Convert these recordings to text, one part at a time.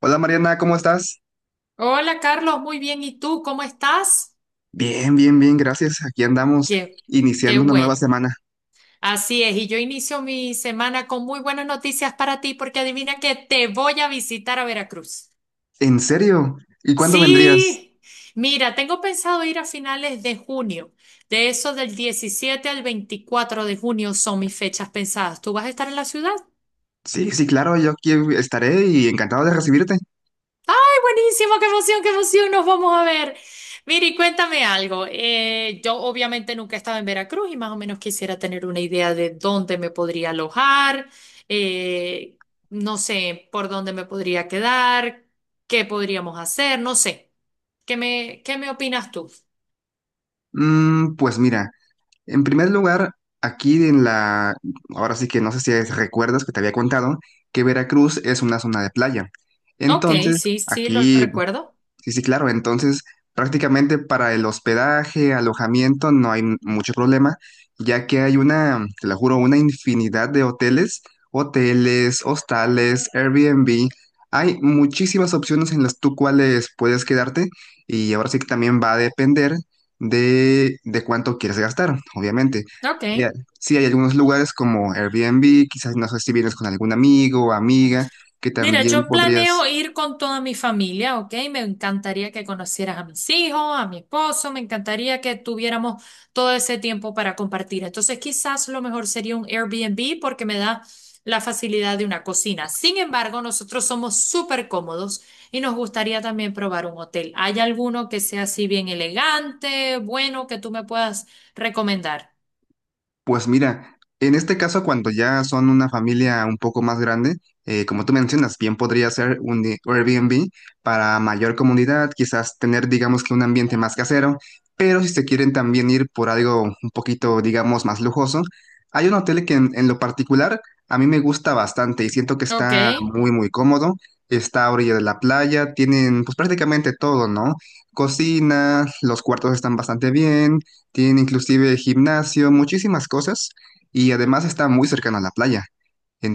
Hola Mariana, ¿cómo estás? Hola Carlos, muy bien. ¿Y tú cómo estás? Bien, bien, bien, gracias. Aquí andamos Qué, qué iniciando una nueva bueno. semana. Así es, y yo inicio mi semana con muy buenas noticias para ti porque adivina que te voy a visitar a Veracruz. ¿En serio? ¿Y cuándo vendrías? Sí, mira, tengo pensado ir a finales de junio. De eso del 17 al 24 de junio son mis fechas pensadas. ¿Tú vas a estar en la ciudad? Sí, sí, claro, yo aquí estaré y encantado de recibirte. Buenísimo, qué emoción, nos vamos a ver. Miri, cuéntame algo. Yo obviamente nunca he estado en Veracruz y más o menos quisiera tener una idea de dónde me podría alojar, eh, no sé, por dónde me podría quedar, qué podríamos hacer, no sé. ¿Qué me opinas tú? Pues mira, en primer lugar, aquí en la. Ahora sí que no sé si recuerdas que te había contado que Veracruz es una zona de playa. Ok, Entonces, sí, sí, lo aquí. recuerdo. Sí, sí, claro. Entonces, prácticamente para el hospedaje, alojamiento, no hay mucho problema, ya que hay una, te lo juro, una infinidad de hoteles, hostales, Airbnb. Hay muchísimas opciones en las tú cuales puedes quedarte y ahora sí que también va a depender de cuánto quieres gastar, obviamente. Eh, Ok. Sí, hay algunos lugares como Airbnb, quizás no sé si vienes con algún amigo o amiga, que Mira, también yo podrías. planeo ir con toda mi familia, ¿ok? Me encantaría que conocieras a mis hijos, a mi esposo, me encantaría que tuviéramos todo ese tiempo para compartir. Entonces, quizás lo mejor sería un Airbnb porque me da la facilidad de una cocina. Sin embargo, nosotros somos súper cómodos y nos gustaría también probar un hotel. ¿Hay alguno que sea así bien elegante, bueno, que tú me puedas recomendar? Pues mira, en este caso, cuando ya son una familia un poco más grande, como tú mencionas, bien podría ser un Airbnb para mayor comunidad, quizás tener, digamos, que un ambiente más casero, pero si se quieren también ir por algo un poquito, digamos, más lujoso, hay un hotel que en lo particular a mí me gusta bastante y siento que Ok. está muy, muy cómodo. Está a orilla de la playa, tienen pues prácticamente todo, ¿no? Cocina, los cuartos están bastante bien, tiene inclusive gimnasio, muchísimas cosas y además está muy cercano a la playa.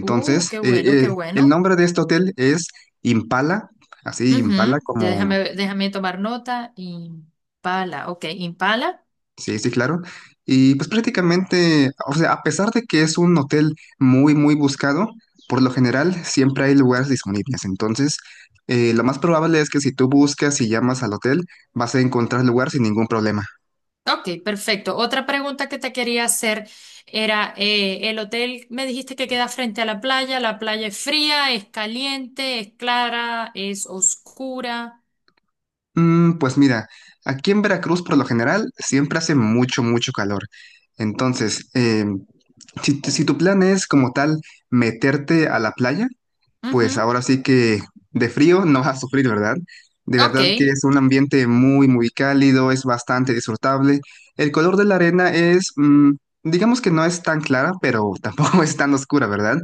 Qué bueno, qué el bueno. nombre de este hotel es Impala, así Impala Ujú, como, déjame, déjame tomar nota. Impala. sí, sí, claro. Y pues prácticamente, o sea, a pesar de que es un hotel muy, muy buscado, por lo general siempre hay lugares disponibles. Entonces, lo más probable es que si tú buscas y llamas al hotel, vas a encontrar lugar sin ningún problema. Ok, perfecto. Otra pregunta que te quería hacer era, el hotel me dijiste que queda frente a la playa es fría, es caliente, es clara, es oscura. Pues mira, aquí en Veracruz por lo general siempre hace mucho, mucho calor. Entonces, si tu plan es como tal meterte a la playa, pues Ujú, ahora sí que de frío no vas a sufrir, ¿verdad? De ok, verdad que es un ambiente muy, muy cálido, es bastante disfrutable. El color de la arena es, digamos, que no es tan clara, pero tampoco es tan oscura, ¿verdad?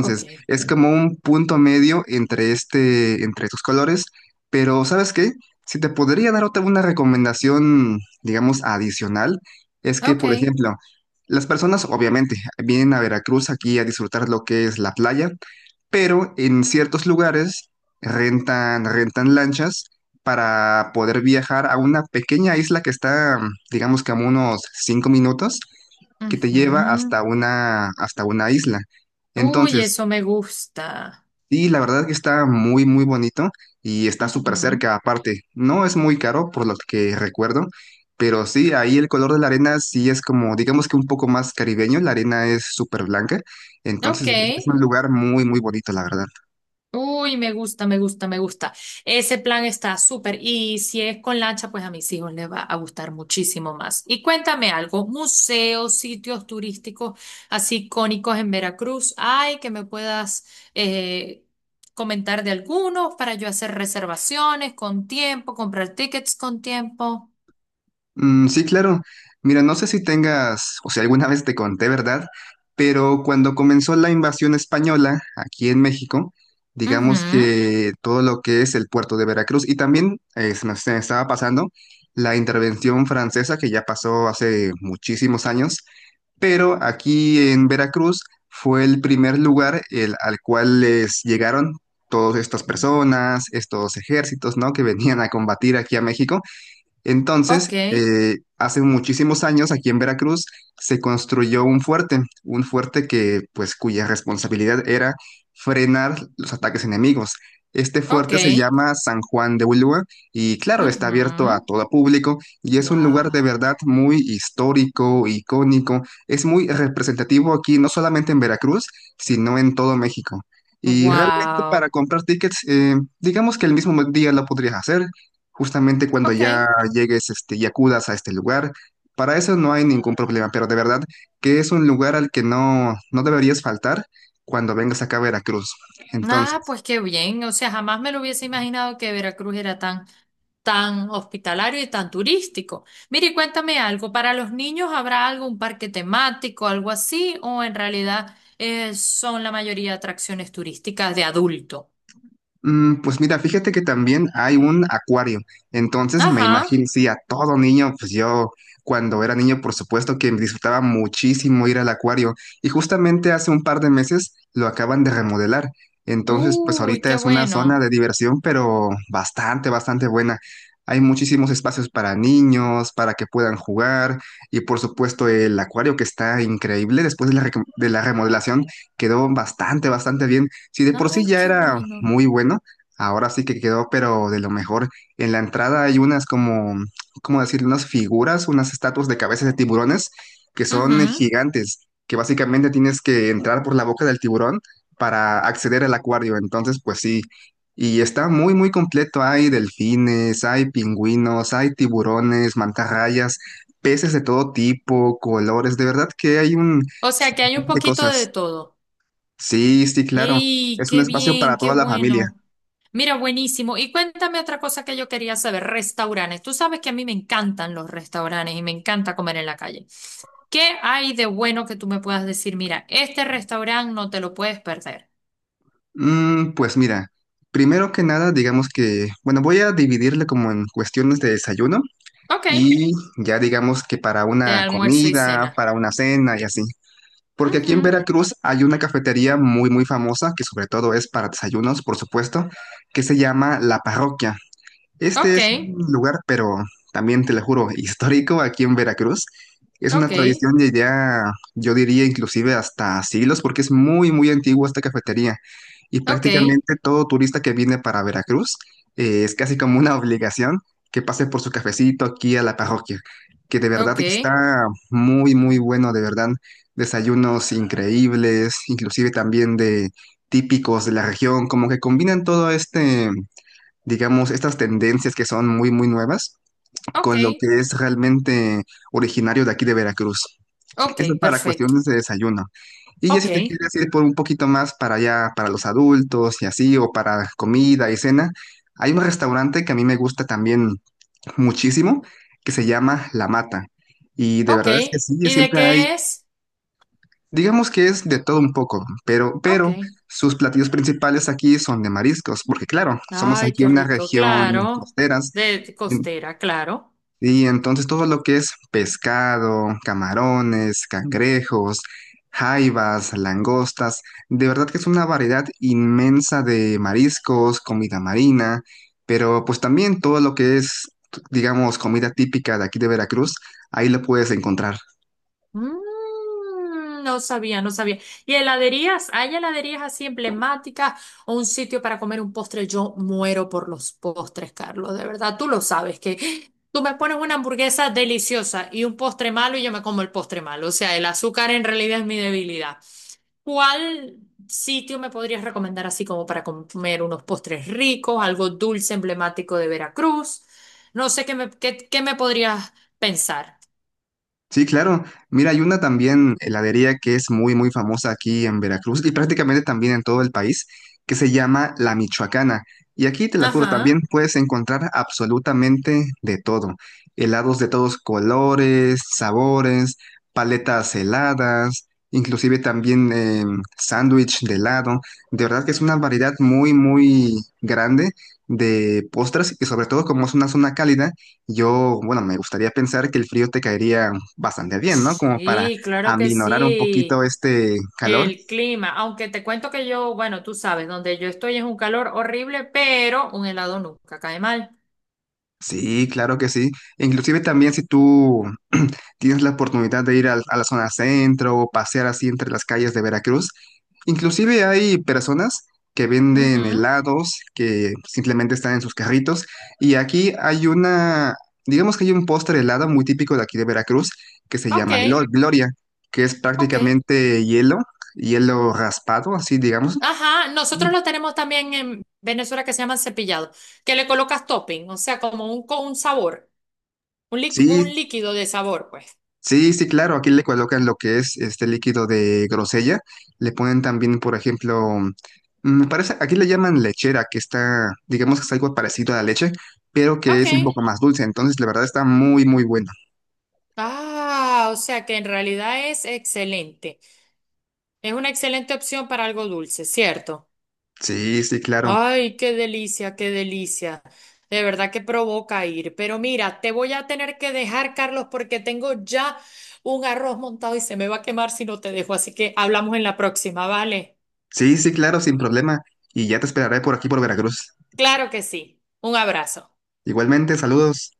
ok, es como un punto medio entre estos colores. Pero, ¿sabes qué? Si te podría dar otra una recomendación, digamos, adicional, es que, ok. por ejemplo, las personas obviamente vienen a Veracruz aquí a disfrutar lo que es la playa, pero en ciertos lugares rentan lanchas para poder viajar a una pequeña isla que está, digamos, que a unos 5 minutos, que te lleva Ujú. hasta una isla. Uy, Entonces, eso me gusta. sí, la verdad que está muy, muy bonito y está súper Ujú, cerca aparte. No es muy caro, por lo que recuerdo, pero sí, ahí el color de la arena sí es como, digamos, que un poco más caribeño, la arena es súper blanca, entonces ok. es un lugar muy, muy bonito, la verdad. Uy, me gusta, me gusta, me gusta. Ese plan está súper. Y si es con lancha, pues a mis hijos les va a gustar muchísimo más. Y cuéntame algo, museos, sitios turísticos así icónicos en Veracruz, hay que me puedas eh, comentar de algunos para yo hacer reservaciones con tiempo, comprar tickets con tiempo. Mm, sí, claro. Mira, no sé si tengas, o si alguna vez te conté, ¿verdad? Pero cuando comenzó la invasión española aquí en México, Ujú. digamos que todo lo que es el puerto de Veracruz y también, se me estaba pasando la intervención francesa, que ya pasó hace muchísimos años, pero aquí en Veracruz fue el primer lugar al cual les llegaron todas estas personas, estos ejércitos, ¿no? Que venían a combatir aquí a México. Entonces, Ok, hace muchísimos años aquí en Veracruz se construyó un fuerte que, pues, cuya responsabilidad era frenar los ataques enemigos. Este ok. fuerte se llama San Juan de Ulúa y claro, está abierto a todo público y es un lugar de Wow. verdad muy histórico, icónico, es muy representativo aquí, no solamente en Veracruz, sino en todo México. Y realmente para Wow. comprar tickets, digamos que el mismo día lo podrías hacer, justamente cuando Ok. ya llegues este, y acudas a este lugar. Para eso no hay ningún problema, pero de verdad que es un lugar al que no, no deberías faltar cuando vengas acá a Veracruz. Ah, Entonces. pues qué bien. O sea, jamás me lo hubiese imaginado que Veracruz era tan, tan hospitalario y tan turístico. Mire, y cuéntame algo. ¿Para los niños habrá algún parque temático, algo así? ¿O en realidad son la mayoría atracciones turísticas de adulto? Mm, pues mira, fíjate que también hay un acuario. Entonces me Ajá. imagino, sí, a todo niño, pues yo cuando era niño, por supuesto que disfrutaba muchísimo ir al acuario. Y justamente hace un par de meses lo acaban de remodelar. Entonces, pues Uy, ahorita qué es una zona bueno. de diversión, pero bastante, bastante buena. Hay muchísimos espacios para niños, para que puedan jugar. Y por supuesto el acuario que está increíble, después de la, de la remodelación, quedó bastante, bastante bien. Si de por sí Ay, ya qué era bueno. muy bueno, ahora sí que quedó, pero de lo mejor. En la entrada hay unas como, ¿cómo decir? Unas figuras, unas estatuas de cabezas de tiburones que son Ujú. gigantes, que básicamente tienes que entrar por la boca del tiburón para acceder al acuario. Entonces, pues sí. Y está muy, muy completo. Hay delfines, hay pingüinos, hay tiburones, mantarrayas, peces de todo tipo, colores. De verdad que hay un O sea, que hay un sinfín de poquito de cosas. todo. Sí, sí, claro. ¡Ey! Es un ¡Qué espacio para bien! ¡Qué toda la familia. bueno! Mira, buenísimo. Y cuéntame otra cosa que yo quería saber, restaurantes. Tú sabes que a mí me encantan los restaurantes y me encanta comer en la calle. ¿Qué hay de bueno que tú me puedas decir? Mira, este restaurante no te lo puedes perder. Pues mira, primero que nada, digamos que, bueno, voy a dividirle como en cuestiones de desayuno Ok, y ya digamos que para de una almuerzo y comida, cena. para una cena y así. Porque aquí en Ujú. Veracruz hay una cafetería muy, muy famosa, que sobre todo es para desayunos, por supuesto, que se llama La Parroquia. Este Ok, es un lugar, pero también te lo juro, histórico aquí en Veracruz. Es una ok, tradición de ya, yo diría inclusive hasta siglos, porque es muy, muy antigua esta cafetería. Y ok, prácticamente todo turista que viene para Veracruz, es casi como una obligación que pase por su cafecito aquí a la parroquia, que de verdad ok, que está muy, muy bueno, de verdad. Desayunos increíbles, inclusive también de típicos de la región, como que combinan todo este, digamos, estas tendencias que son muy, muy nuevas ok, con lo que es realmente originario de aquí de Veracruz. Eso ok, para perfecto. cuestiones de desayuno. Y ya Ok, si te quieres ir por un poquito más para allá, para los adultos y así, o para comida y cena, hay un restaurante que a mí me gusta también muchísimo, que se llama La Mata. Y de ok. verdad es que sí, ¿Y de siempre hay, qué es? digamos que es de todo un poco, pero Ok. sus platillos principales aquí son de mariscos, porque claro, somos Ay, aquí qué una rico, región claro. costera. De costera, claro. Y entonces todo lo que es pescado, camarones, cangrejos, jaivas, langostas, de verdad que es una variedad inmensa de mariscos, comida marina, pero pues también todo lo que es, digamos, comida típica de aquí de Veracruz, ahí lo puedes encontrar. Mm, no sabía, no sabía. ¿Y heladerías? ¿Hay heladerías así emblemáticas o un sitio para comer un postre? Yo muero por los postres, Carlos, de verdad. Tú lo sabes, que tú me pones una hamburguesa deliciosa y un postre malo y yo me como el postre malo. O sea, el azúcar en realidad es mi debilidad. ¿Cuál sitio me podrías recomendar así como para comer unos postres ricos, algo dulce emblemático de Veracruz? No sé qué me podrías pensar. Sí, claro. Mira, hay una también heladería que es muy, muy famosa aquí en Veracruz y prácticamente también en todo el país, que se llama La Michoacana. Y aquí, te la juro, también Ajá. puedes encontrar absolutamente de todo. Helados de todos colores, sabores, paletas heladas, inclusive también sándwich de helado. De verdad que es una variedad muy, muy grande de postres y sobre todo como es una zona cálida. Yo, bueno, me gustaría pensar que el frío te caería bastante bien, ¿no? Como para Sí, claro que aminorar un poquito sí. este calor. El clima, aunque te cuento que yo, bueno, tú sabes, donde yo estoy es un calor horrible, pero un helado nunca cae mal. Sí, claro que sí. Inclusive también si tú tienes la oportunidad de ir a la zona centro o pasear así entre las calles de Veracruz, inclusive hay personas que venden Ujú. helados, que simplemente están en sus carritos. Y aquí hay una, digamos, que hay un postre helado muy típico de aquí de Veracruz que se Ok, llama Gloria, que es ok. prácticamente hielo, hielo raspado, así digamos. Ajá, Y nosotros lo tenemos también en Venezuela que se llaman cepillado, que le colocas topping, o sea, un sabor, un sí. líquido de sabor, pues. Sí, sí, claro, aquí le colocan lo que es este líquido de grosella, le ponen también, por ejemplo, me parece, aquí le llaman lechera, que está, digamos, que es algo parecido a la leche, pero que Ok. es un poco más dulce, entonces la verdad está muy, muy bueno. Ah, o sea que en realidad es excelente. Es una excelente opción para algo dulce, ¿cierto? Sí, sí, claro, Ay, qué delicia, qué delicia. De verdad que provoca ir. Pero mira, te voy a tener que dejar, Carlos, porque tengo ya un arroz montado y se me va a quemar si no te dejo. Así que hablamos en la próxima, ¿vale? sí, sí, claro, sin problema, y ya te esperaré por aquí por Veracruz. Claro que sí. Un abrazo. Igualmente, saludos.